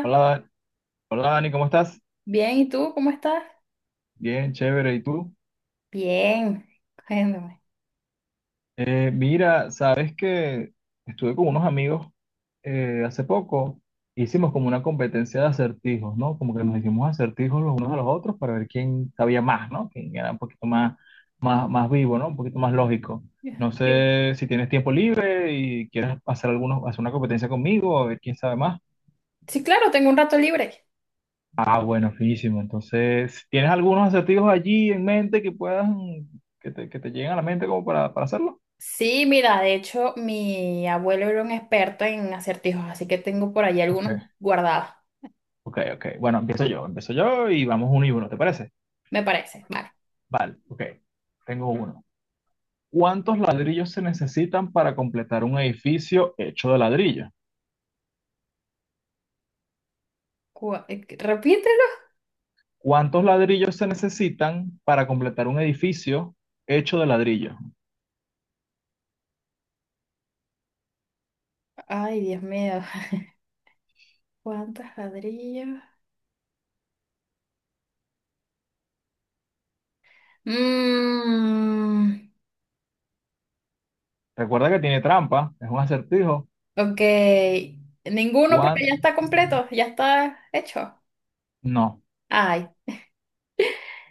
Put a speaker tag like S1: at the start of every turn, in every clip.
S1: Hola, hola Dani, ¿cómo estás?
S2: bien, ¿y tú cómo estás?
S1: Bien, chévere. ¿Y tú?
S2: Bien, cuéntame.
S1: Mira, sabes que estuve con unos amigos hace poco. Hicimos como una competencia de acertijos, ¿no? Como que nos hicimos acertijos los unos a los otros para ver quién sabía más, ¿no? Quién era un poquito más vivo, ¿no? Un poquito más lógico. No
S2: Sí,
S1: sé si tienes tiempo libre y quieres hacer algunos, hacer una competencia conmigo, a ver quién sabe más.
S2: sí, claro, tengo un rato libre.
S1: Ah, bueno, finísimo. Entonces, ¿tienes algunos acertijos allí en mente que puedan, que te lleguen a la mente como para hacerlo?
S2: Sí, mira, de hecho, mi abuelo era un experto en acertijos, así que tengo por ahí
S1: Ok,
S2: algunos guardados.
S1: ok, ok. Bueno, empiezo yo y vamos uno y uno, ¿te parece?
S2: Me parece. Vale.
S1: Vale, ok. Tengo uno. ¿Cuántos ladrillos se necesitan para completar un edificio hecho de ladrillo?
S2: Repítelo.
S1: ¿Cuántos ladrillos se necesitan para completar un edificio hecho de ladrillo?
S2: Ay, Dios mío. ¿Cuántos ladrillos? Mmm,
S1: Recuerda que tiene trampa, es un acertijo.
S2: ok. Ninguno
S1: ¿Cuán?
S2: porque ya está completo, ya está hecho.
S1: No,
S2: Ay,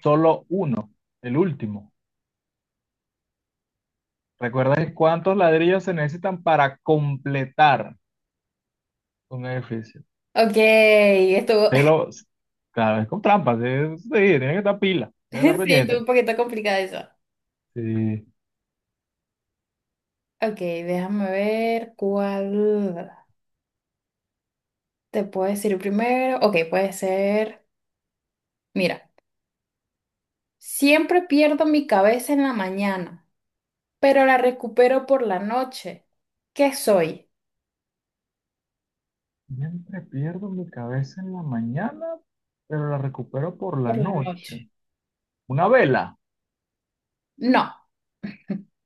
S1: solo uno, el último. ¿Recuerdas cuántos ladrillos se necesitan para completar un edificio?
S2: ok. Estuvo,
S1: Te lo, claro, es con trampas, sí, tiene que estar pila, tiene que
S2: sí,
S1: estar
S2: estuvo un
S1: pendiente.
S2: poquito complicado eso.
S1: Sí.
S2: Ok, déjame ver cuál te puedo decir primero. Ok, puede ser, mira, siempre pierdo mi cabeza en la mañana, pero la recupero por la noche. ¿Qué soy?
S1: Siempre pierdo mi cabeza en la mañana, pero la recupero por la
S2: Por la
S1: noche.
S2: noche.
S1: Una vela.
S2: No,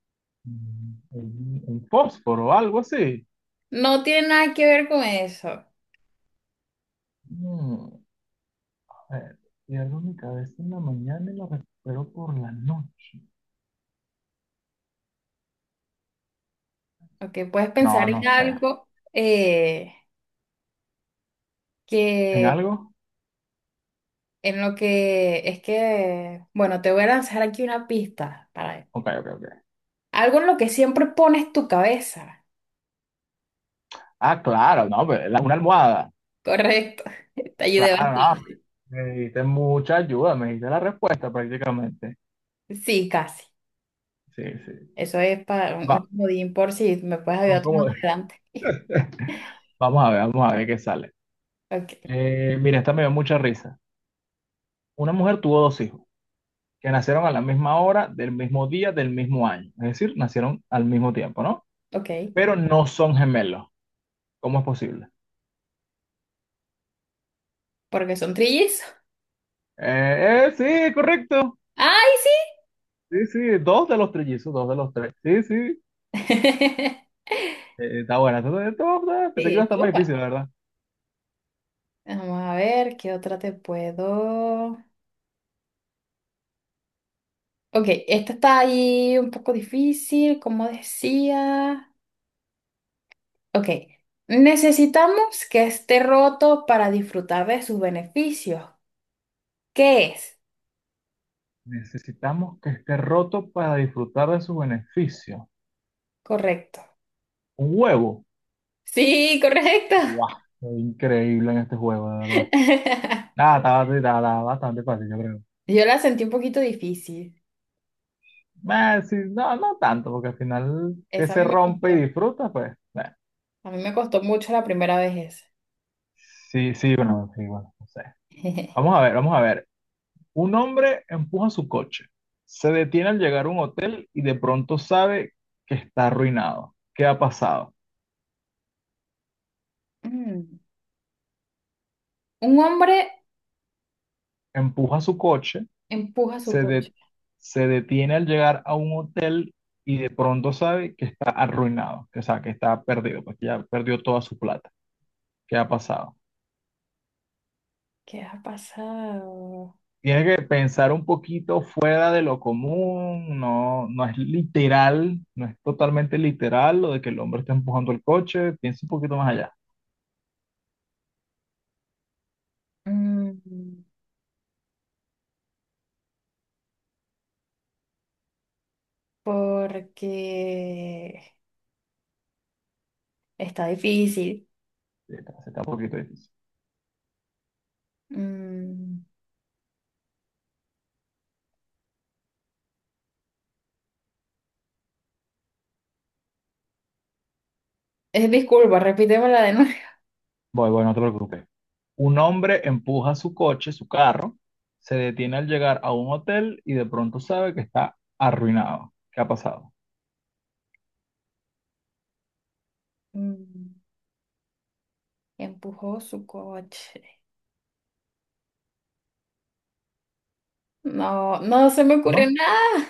S1: Un fósforo, algo así.
S2: no tiene nada que ver con eso.
S1: Mm, a ver, pierdo mi cabeza en la mañana y la recupero por la noche.
S2: Ok, puedes
S1: No,
S2: pensar
S1: no
S2: en
S1: sé.
S2: algo
S1: ¿En
S2: que
S1: algo?
S2: en lo que es que, bueno, te voy a lanzar aquí una pista para
S1: Ok, ok, ok.
S2: algo en lo que siempre pones tu cabeza.
S1: Ah, claro, no, pues, una almohada.
S2: Correcto, te ayudé
S1: Claro,
S2: bastante.
S1: no, me diste mucha ayuda, me diste la respuesta prácticamente.
S2: Sí, casi.
S1: Sí, sí.
S2: Eso es para
S1: Va,
S2: un comodín por si me puedes
S1: son
S2: ayudar tú más
S1: como-
S2: adelante.
S1: vamos a ver, vamos a ver qué sale.
S2: Ok,
S1: Mira, esta me dio mucha risa. Una mujer tuvo dos hijos que nacieron a la misma hora, del mismo día, del mismo año. Es decir, nacieron al mismo tiempo, ¿no?
S2: ok.
S1: Pero no son gemelos. ¿Cómo es posible?
S2: Porque son trillizos.
S1: Eh, eh, sí, correcto.
S2: ¡Ay, sí!
S1: Sí, sí, dos de los trillizos, dos de los tres. Sí, sí. Está buena. Entonces, esto, pensé que iba
S2: Sí,
S1: a
S2: sí,
S1: estar más difícil,
S2: papá.
S1: la verdad.
S2: Vamos a ver qué otra te puedo. Ok, esta está ahí un poco difícil, como decía. Ok, necesitamos que esté roto para disfrutar de sus beneficios. ¿Qué es?
S1: Necesitamos que esté roto para disfrutar de su beneficio.
S2: Correcto.
S1: Un huevo.
S2: Sí, correcto.
S1: ¡Guau! Increíble en este juego, de verdad. Nada, está bastante fácil, yo creo.
S2: Yo la sentí un poquito difícil.
S1: Sí, no, no tanto, porque al final que
S2: Esa a
S1: se
S2: mí me
S1: rompe y
S2: costó.
S1: disfruta, pues.
S2: A mí me costó mucho la primera vez
S1: Sí, sí, bueno, sí, bueno, no sé.
S2: esa.
S1: Vamos a ver, vamos a ver. Un hombre empuja su coche. Se detiene al llegar a un hotel y de pronto sabe que está arruinado. ¿Qué ha pasado?
S2: Mm. Un hombre
S1: Empuja su coche
S2: empuja su
S1: se,
S2: coche.
S1: de- se detiene al llegar a un hotel y de pronto sabe que está arruinado, que, o sea, que está perdido, porque ya perdió toda su plata. ¿Qué ha pasado?
S2: ¿Qué ha pasado?
S1: Tiene que pensar un poquito fuera de lo común, no, no es literal, no es totalmente literal lo de que el hombre está empujando el coche, piensa un poquito más allá.
S2: Mm, porque está difícil.
S1: Sí, sí está un poquito difícil.
S2: Mm, es disculpa, repítemela de nuevo.
S1: Voy, voy, no te preocupes. Un hombre empuja su coche, su carro, se detiene al llegar a un hotel y de pronto sabe que está arruinado. ¿Qué ha pasado?
S2: Mm, empujó su coche. No, no se me ocurre
S1: ¿No?
S2: nada.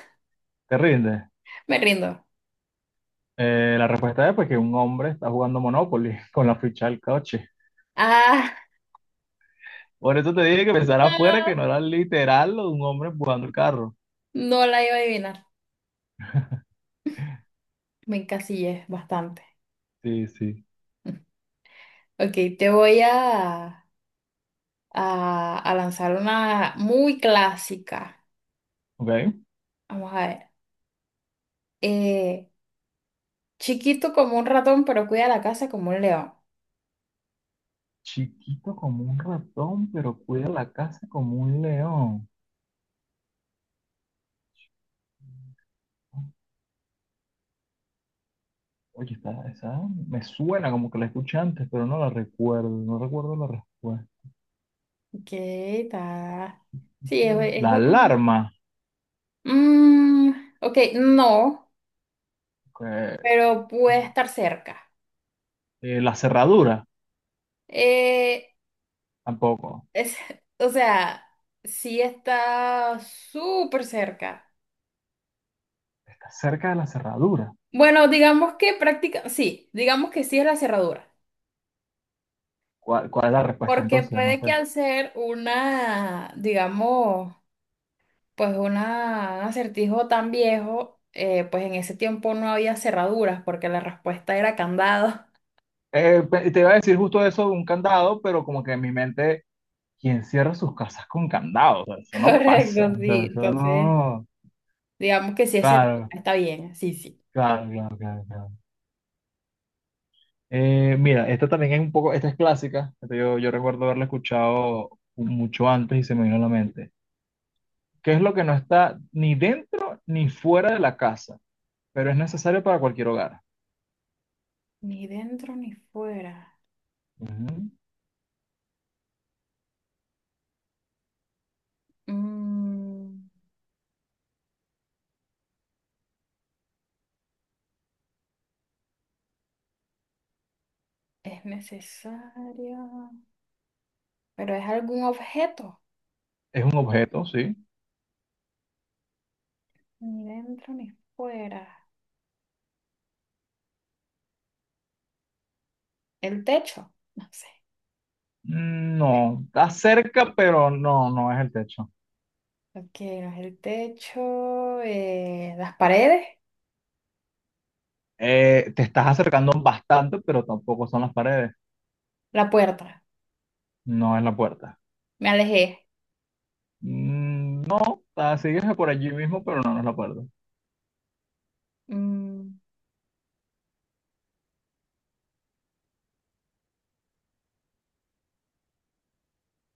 S1: Te rinde.
S2: Me rindo.
S1: La respuesta es pues que un hombre está jugando Monopoly con la ficha del coche.
S2: Ah,
S1: Por eso te dije que pensara afuera que no era literal lo de un hombre empujando el carro.
S2: no, no la iba a adivinar. Me encasillé bastante.
S1: Sí, sí.
S2: Ok, te voy a, a lanzar una muy clásica.
S1: Ok.
S2: Vamos a ver. Eh, chiquito como un ratón, pero cuida la casa como un león.
S1: Chiquito como un ratón, pero cuida la casa como un león. Oye, esta, esa me suena como que la escuché antes, pero no la recuerdo. No recuerdo la respuesta.
S2: Ok, está. Sí, es
S1: La
S2: un...
S1: alarma.
S2: Mm, ok, no,
S1: Ok.
S2: pero puede estar cerca.
S1: La cerradura.
S2: Eh,
S1: Tampoco.
S2: es, o sea, sí está súper cerca.
S1: Está cerca de la cerradura.
S2: Bueno, digamos que práctica... Sí, digamos que sí es la cerradura.
S1: ¿Cuál es la respuesta
S2: Porque
S1: entonces? No
S2: puede que
S1: sé.
S2: al ser una, digamos, pues un acertijo tan viejo, pues en ese tiempo no había cerraduras porque la respuesta era candado.
S1: Te iba a decir justo eso de un candado, pero como que en mi mente, ¿quién cierra sus casas con candado? O sea, eso no pasa.
S2: Correcto,
S1: O
S2: sí.
S1: sea, eso
S2: Entonces,
S1: no.
S2: digamos que sí es cerradura,
S1: Claro,
S2: está bien, sí, sí.
S1: claro, claro, claro, claro. Mira, esta también es un poco, esta es clásica. Esta yo recuerdo haberla escuchado mucho antes y se me vino a la mente. ¿Qué es lo que no está ni dentro ni fuera de la casa, pero es necesario para cualquier hogar?
S2: Ni dentro ni fuera.
S1: Ujú.
S2: Mm, es necesario. Pero es algún objeto.
S1: Es un objeto, sí.
S2: Ni dentro ni fuera. El techo, no sé.
S1: Mm, no, está cerca, pero no, no es el techo.
S2: Ok, no es el techo, las paredes,
S1: Te estás acercando bastante, pero tampoco son las paredes,
S2: la puerta.
S1: no es la puerta.
S2: Me alejé.
S1: Mm, no, ah, sigues por allí mismo, pero no, no es la puerta.
S2: Mm,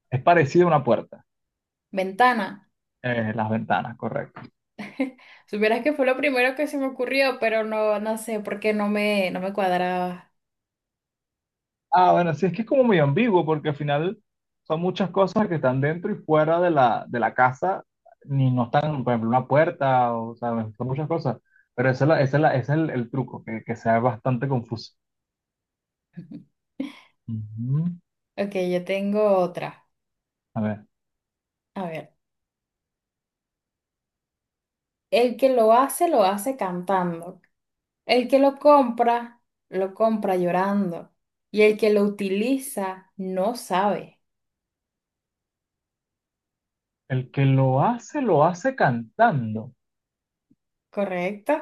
S1: Es parecido a una puerta,
S2: ventana.
S1: las ventanas, correcto.
S2: Supieras que fue lo primero que se me ocurrió, pero no, no sé por qué no me, no me cuadraba.
S1: Ah, bueno, sí, es que es como muy ambiguo, porque al final son muchas cosas que están dentro y fuera de la, casa, ni no están, por ejemplo, una puerta, o sea, son muchas cosas. Pero ese es el truco, que sea bastante confuso. Ujú.
S2: Ok, yo tengo otra.
S1: A ver,
S2: A ver, el que lo hace cantando. El que lo compra llorando. Y el que lo utiliza, no sabe.
S1: el que lo hace cantando.
S2: ¿Correcto?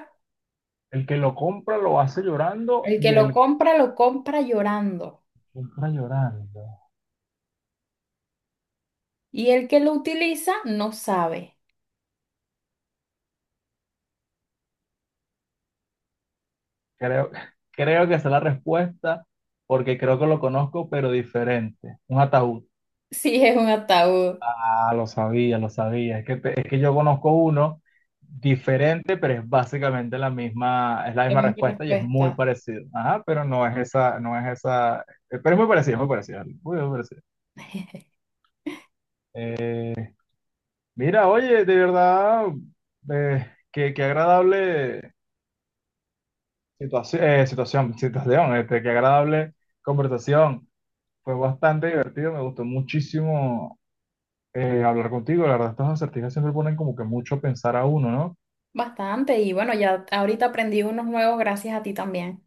S1: El que lo compra lo hace llorando
S2: El que
S1: y el que
S2: lo compra llorando.
S1: compra llorando.
S2: Y el que lo utiliza no sabe.
S1: Creo, creo que esa es la respuesta porque creo que lo conozco, pero diferente. Un ataúd.
S2: Si es un ataúd.
S1: Ah, lo sabía, lo sabía. Es que yo conozco uno diferente, pero es básicamente la misma, es la
S2: Esa
S1: misma
S2: es mi
S1: respuesta y es muy
S2: respuesta.
S1: parecido. Ajá, pero no es esa, no es esa, pero es muy parecido, muy parecido, muy, muy parecido. Mira, oye, de verdad, eh, qué agradable Situación, este, qué agradable conversación. Fue bastante divertido, me gustó muchísimo hablar contigo. La verdad, estas acertijas siempre ponen como que mucho a pensar a uno, ¿no?
S2: Bastante. Y bueno, ya ahorita aprendí unos nuevos gracias a ti también.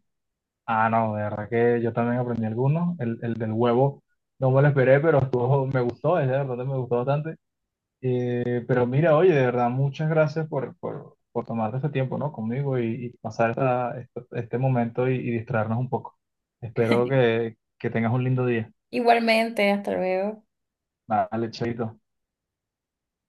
S1: Ah, no, de verdad que yo también aprendí algunos. El del huevo no me lo esperé, pero me gustó, es de verdad me gustó bastante. Pero mira, oye, de verdad, muchas gracias por tomarte este tiempo, ¿no? Conmigo y pasar este momento y distraernos un poco. Espero que tengas un lindo día.
S2: Igualmente, hasta luego.
S1: Vale, chaito.